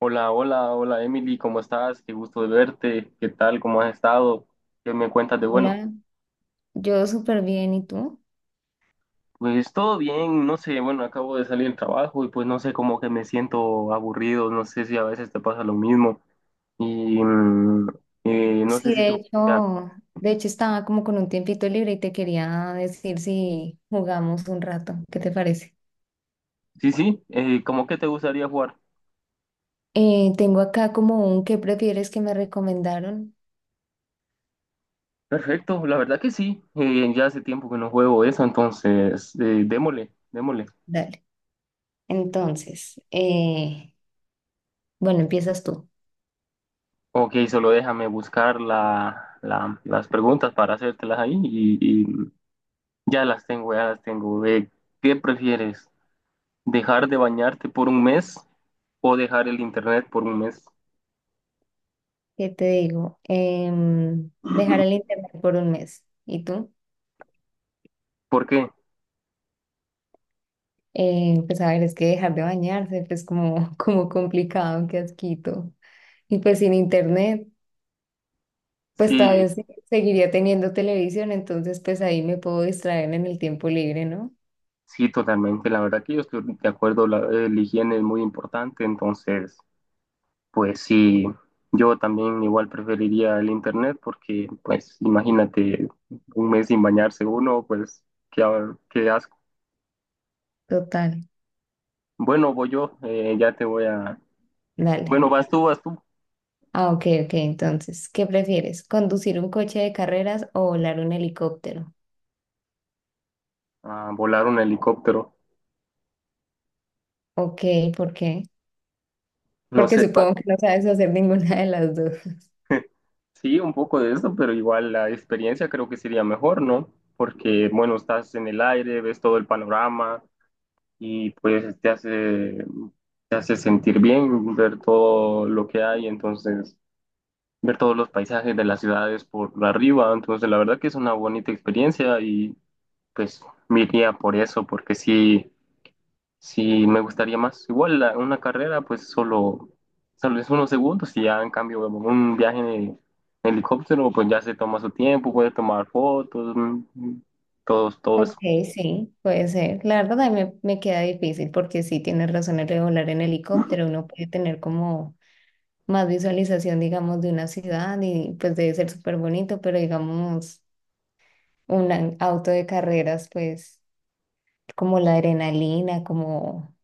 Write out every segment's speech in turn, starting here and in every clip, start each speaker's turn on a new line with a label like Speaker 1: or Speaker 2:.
Speaker 1: Hola, hola, hola Emily, ¿cómo estás? Qué gusto de verte, ¿qué tal? ¿Cómo has estado? ¿Qué me cuentas de bueno?
Speaker 2: Hola, yo súper bien, ¿y tú?
Speaker 1: Pues todo bien, no sé, bueno, acabo de salir del trabajo y pues no sé, como que me siento aburrido, no sé si a veces te pasa lo mismo y no sé
Speaker 2: Sí,
Speaker 1: si
Speaker 2: de
Speaker 1: te gustaría,
Speaker 2: hecho, de hecho estaba como con un tiempito libre y te quería decir si jugamos un rato, ¿qué te parece?
Speaker 1: sí, sí, ¿cómo que te gustaría jugar?
Speaker 2: Tengo acá como un ¿qué prefieres que me recomendaron?
Speaker 1: Perfecto, la verdad que sí, ya hace tiempo que no juego eso, entonces démosle, démosle.
Speaker 2: Dale. Entonces, bueno, empiezas tú.
Speaker 1: Ok, solo déjame buscar las preguntas para hacértelas ahí y, ya las tengo, ya las tengo. ¿Qué prefieres? ¿Dejar de bañarte por un mes o dejar el internet por un mes?
Speaker 2: ¿Qué te digo? Dejar el internet por un mes. ¿Y tú?
Speaker 1: ¿Por qué?
Speaker 2: Pues a ver, es que dejar de bañarse, pues como, como complicado, qué asquito. Y pues sin internet. Pues
Speaker 1: Sí,
Speaker 2: todavía seguiría teniendo televisión, entonces pues ahí me puedo distraer en el tiempo libre, ¿no?
Speaker 1: sí, totalmente. La verdad que yo estoy de acuerdo, el higiene es muy importante, entonces, pues sí, yo también igual preferiría el internet porque, pues, imagínate un mes sin bañarse uno, pues, qué, qué asco.
Speaker 2: Total,
Speaker 1: Bueno, voy yo, ya te voy a...
Speaker 2: dale.
Speaker 1: Bueno, vas tú,
Speaker 2: Ah, ok, ok, entonces, ¿qué prefieres? ¿Conducir un coche de carreras o volar un helicóptero?
Speaker 1: a volar un helicóptero.
Speaker 2: Ok, ¿por qué?
Speaker 1: No
Speaker 2: Porque
Speaker 1: sé.
Speaker 2: supongo que no sabes hacer ninguna de las dos.
Speaker 1: Sí, un poco de eso, pero igual la experiencia creo que sería mejor, ¿no? Porque, bueno, estás en el aire, ves todo el panorama y pues te hace sentir bien ver todo lo que hay, entonces ver todos los paisajes de las ciudades por arriba, entonces la verdad que es una bonita experiencia y pues me iría por eso, porque sí, sí, me gustaría más. Una carrera, pues solo, solo es unos segundos y ya en cambio un viaje en helicóptero, pues ya se toma su tiempo, puede tomar fotos, todo, todo
Speaker 2: Ok,
Speaker 1: eso.
Speaker 2: sí, puede ser. La verdad a mí me queda difícil porque sí tienes razón el de volar en helicóptero, uno puede tener como más visualización, digamos, de una ciudad y pues debe ser súper bonito, pero digamos... un auto de carreras, pues como la adrenalina, como,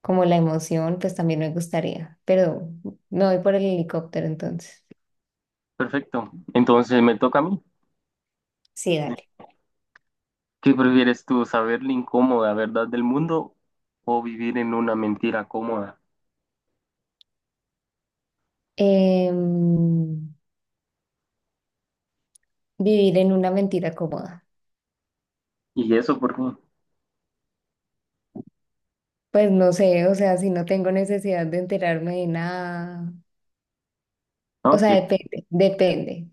Speaker 2: como la emoción, pues también me gustaría, pero me voy por el helicóptero entonces.
Speaker 1: Perfecto. Entonces me toca a mí.
Speaker 2: Sí, dale.
Speaker 1: ¿Qué prefieres tú, saber la incómoda verdad del mundo o vivir en una mentira cómoda?
Speaker 2: Em, vivir en una mentira cómoda.
Speaker 1: ¿Y eso por qué?
Speaker 2: Pues no sé, o sea, si no tengo necesidad de enterarme de nada, o
Speaker 1: Ok.
Speaker 2: sea, depende, depende,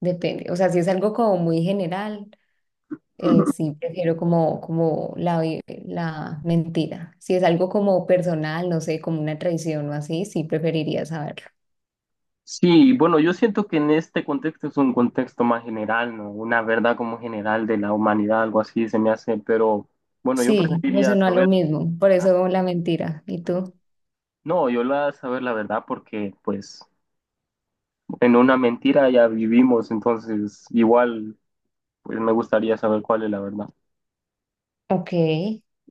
Speaker 2: depende. O sea, si es algo como muy general. Sí, prefiero como la mentira. Si es algo como personal, no sé, como una traición o así, sí preferiría saberlo.
Speaker 1: Sí, bueno, yo siento que en este contexto es un contexto más general, ¿no? Una verdad como general de la humanidad, algo así se me hace, pero bueno, yo
Speaker 2: Sí, me
Speaker 1: preferiría
Speaker 2: sonó a lo
Speaker 1: saber,
Speaker 2: mismo, por eso la mentira. ¿Y tú?
Speaker 1: no, yo la saber la verdad porque pues en una mentira ya vivimos, entonces igual pues me gustaría saber cuál es la verdad.
Speaker 2: Ok,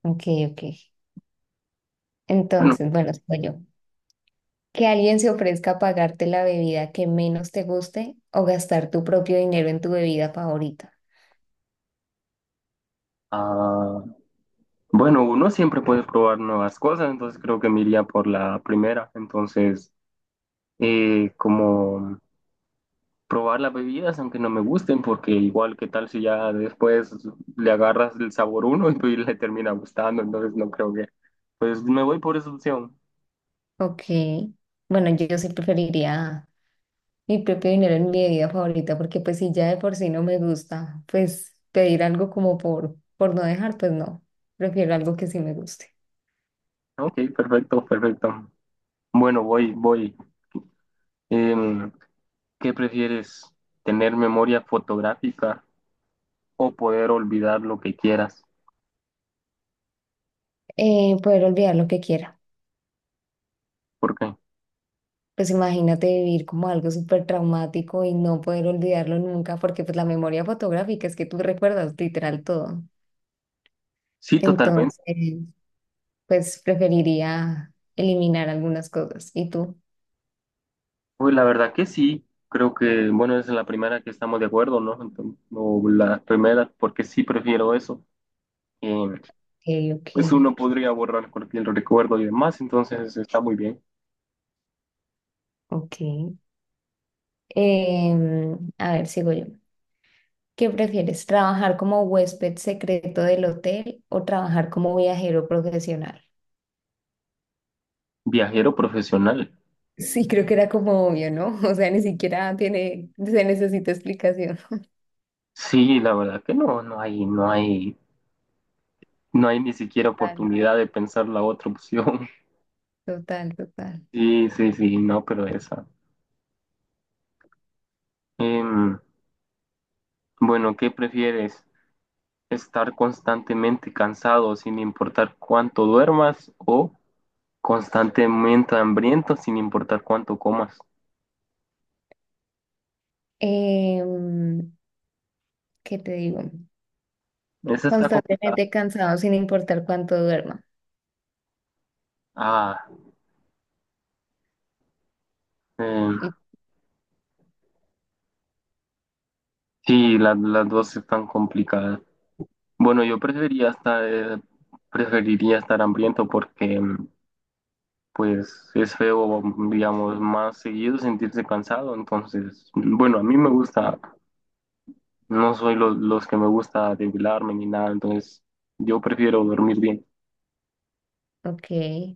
Speaker 2: ok, ok.
Speaker 1: Bueno,
Speaker 2: Entonces, bueno, soy yo. Que alguien se ofrezca a pagarte la bebida que menos te guste o gastar tu propio dinero en tu bebida favorita.
Speaker 1: ah, bueno, uno siempre puede probar nuevas cosas, entonces creo que me iría por la primera, entonces como... probar las bebidas, aunque no me gusten, porque igual qué tal si ya después le agarras el sabor uno y pues le termina gustando, entonces no creo que, pues me voy por esa opción.
Speaker 2: Ok. Bueno, yo sí preferiría mi propio dinero en mi bebida favorita, porque pues si ya de por sí no me gusta, pues pedir algo como por no dejar, pues no, prefiero algo que sí me guste.
Speaker 1: Ok, perfecto, perfecto. Bueno, voy, voy. Em, ¿Qué prefieres? ¿Tener memoria fotográfica o poder olvidar lo que quieras?
Speaker 2: Poder olvidar lo que quiera.
Speaker 1: ¿Por qué?
Speaker 2: Pues imagínate vivir como algo súper traumático y no poder olvidarlo nunca, porque pues la memoria fotográfica es que tú recuerdas literal todo.
Speaker 1: Sí, totalmente.
Speaker 2: Entonces, pues preferiría eliminar algunas cosas. ¿Y tú?
Speaker 1: Pues la verdad que sí. Creo que, bueno, es la primera que estamos de acuerdo, ¿no? Entonces, o la primera, porque sí prefiero eso. Em,
Speaker 2: Ok,
Speaker 1: pues uno podría borrar cualquier recuerdo y demás, entonces está muy bien.
Speaker 2: ok, ok. A ver, sigo yo. ¿Qué prefieres, trabajar como huésped secreto del hotel o trabajar como viajero profesional?
Speaker 1: Viajero profesional.
Speaker 2: Sí, creo que era como obvio, ¿no? O sea, ni siquiera tiene, se necesita explicación.
Speaker 1: Sí, la verdad que no, no hay, no hay, no hay ni siquiera
Speaker 2: Total,
Speaker 1: oportunidad de pensar la otra opción.
Speaker 2: total, total.
Speaker 1: Sí, sí, sí, no, pero esa. Em, bueno, ¿qué prefieres? ¿Estar constantemente cansado sin importar cuánto duermas o constantemente hambriento sin importar cuánto comas?
Speaker 2: Em, ¿Qué te digo?
Speaker 1: Esa está complicada.
Speaker 2: Constantemente cansado sin importar cuánto duerma.
Speaker 1: Ah, em,
Speaker 2: Y-
Speaker 1: sí, las dos están complicadas. Bueno, yo preferiría estar hambriento porque pues es feo, digamos, más seguido sentirse cansado. Entonces, bueno, a mí me gusta, no soy los que me gusta debilarme ni nada, entonces yo prefiero dormir bien.
Speaker 2: Ok,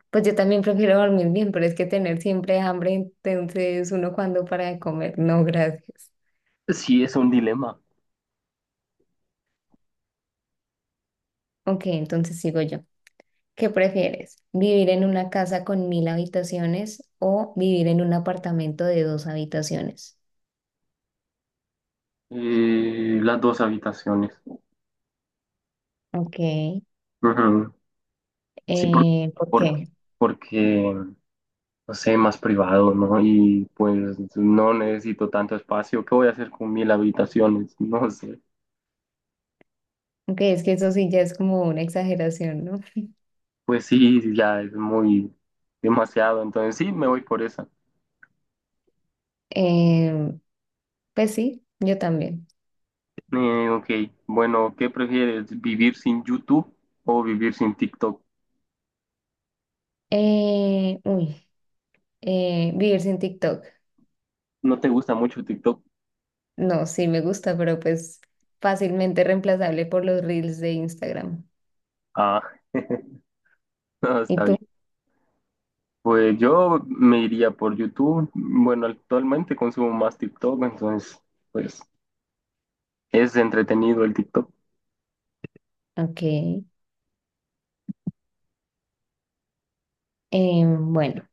Speaker 2: pues yo también prefiero dormir bien, pero es que tener siempre hambre, entonces uno cuando para de comer, no, gracias.
Speaker 1: Sí, es un dilema.
Speaker 2: Ok, entonces sigo yo. ¿Qué prefieres? ¿Vivir en una casa con 1.000 habitaciones o vivir en un apartamento de dos habitaciones?
Speaker 1: Las dos habitaciones.
Speaker 2: Ok,
Speaker 1: Ujú. Sí,
Speaker 2: ¿por qué?
Speaker 1: porque, porque, no sé, más privado, ¿no? Y pues no necesito tanto espacio. ¿Qué voy a hacer con mil habitaciones? No sé.
Speaker 2: Ok, es que eso sí ya es como una exageración, ¿no?
Speaker 1: Pues sí, ya es muy demasiado. Entonces sí, me voy por esa.
Speaker 2: Eh, pues sí, yo también.
Speaker 1: Ok, bueno, ¿qué prefieres? ¿Vivir sin YouTube o vivir sin TikTok?
Speaker 2: Uy, vivir sin TikTok.
Speaker 1: ¿No te gusta mucho TikTok?
Speaker 2: No, sí me gusta, pero pues fácilmente reemplazable por los reels de Instagram.
Speaker 1: Ah, no,
Speaker 2: ¿Y
Speaker 1: está bien.
Speaker 2: tú?
Speaker 1: Pues yo me iría por YouTube. Bueno, actualmente consumo más TikTok, entonces pues es entretenido el TikTok.
Speaker 2: Ok, bueno,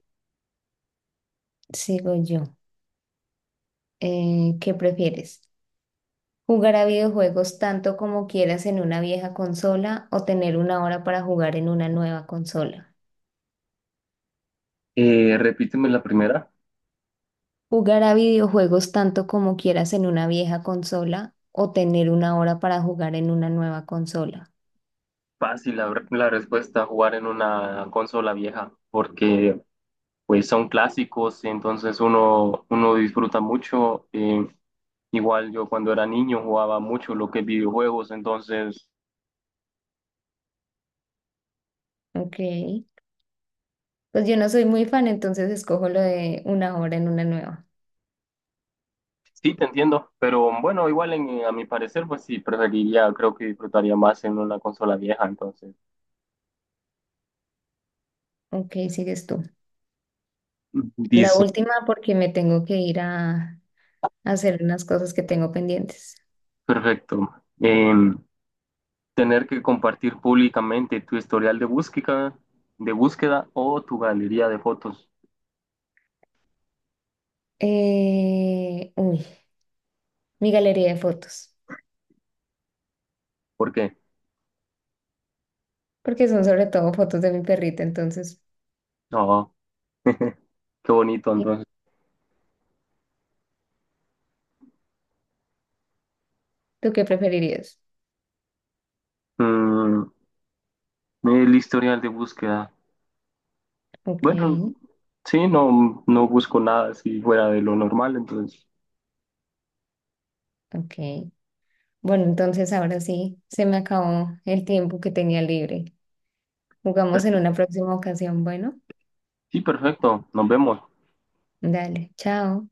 Speaker 2: sigo yo. ¿Qué prefieres? Jugar a videojuegos tanto como quieras en una vieja consola o tener una hora para jugar en una nueva consola.
Speaker 1: Repíteme la primera.
Speaker 2: Jugar a videojuegos tanto como quieras en una vieja consola o tener una hora para jugar en una nueva consola.
Speaker 1: Fácil la respuesta, jugar en una consola vieja, porque pues son clásicos, entonces uno, uno disfruta mucho. Igual yo cuando era niño jugaba mucho lo que es videojuegos, entonces
Speaker 2: Ok. Pues yo no soy muy fan, entonces escojo lo de una hora en una nueva.
Speaker 1: sí, te entiendo, pero bueno, a mi parecer, pues sí, preferiría, creo que disfrutaría más en una consola vieja, entonces.
Speaker 2: Ok, sigues tú. La
Speaker 1: Dice,
Speaker 2: última porque me tengo que ir a hacer unas cosas que tengo pendientes.
Speaker 1: perfecto. Em, tener que compartir públicamente tu historial de búsqueda o tu galería de fotos.
Speaker 2: Uy, mi galería de fotos.
Speaker 1: ¿Por qué?
Speaker 2: Porque son sobre todo fotos de mi perrita, entonces,
Speaker 1: No, qué bonito
Speaker 2: ¿y
Speaker 1: entonces.
Speaker 2: tú qué preferirías?
Speaker 1: Mm, el historial de búsqueda.
Speaker 2: Ok,
Speaker 1: Bueno, sí, no, no busco nada así fuera de lo normal, entonces.
Speaker 2: ok. Bueno, entonces ahora sí, se me acabó el tiempo que tenía libre. Jugamos en una próxima ocasión, bueno,
Speaker 1: Sí, perfecto, nos vemos.
Speaker 2: dale, chao.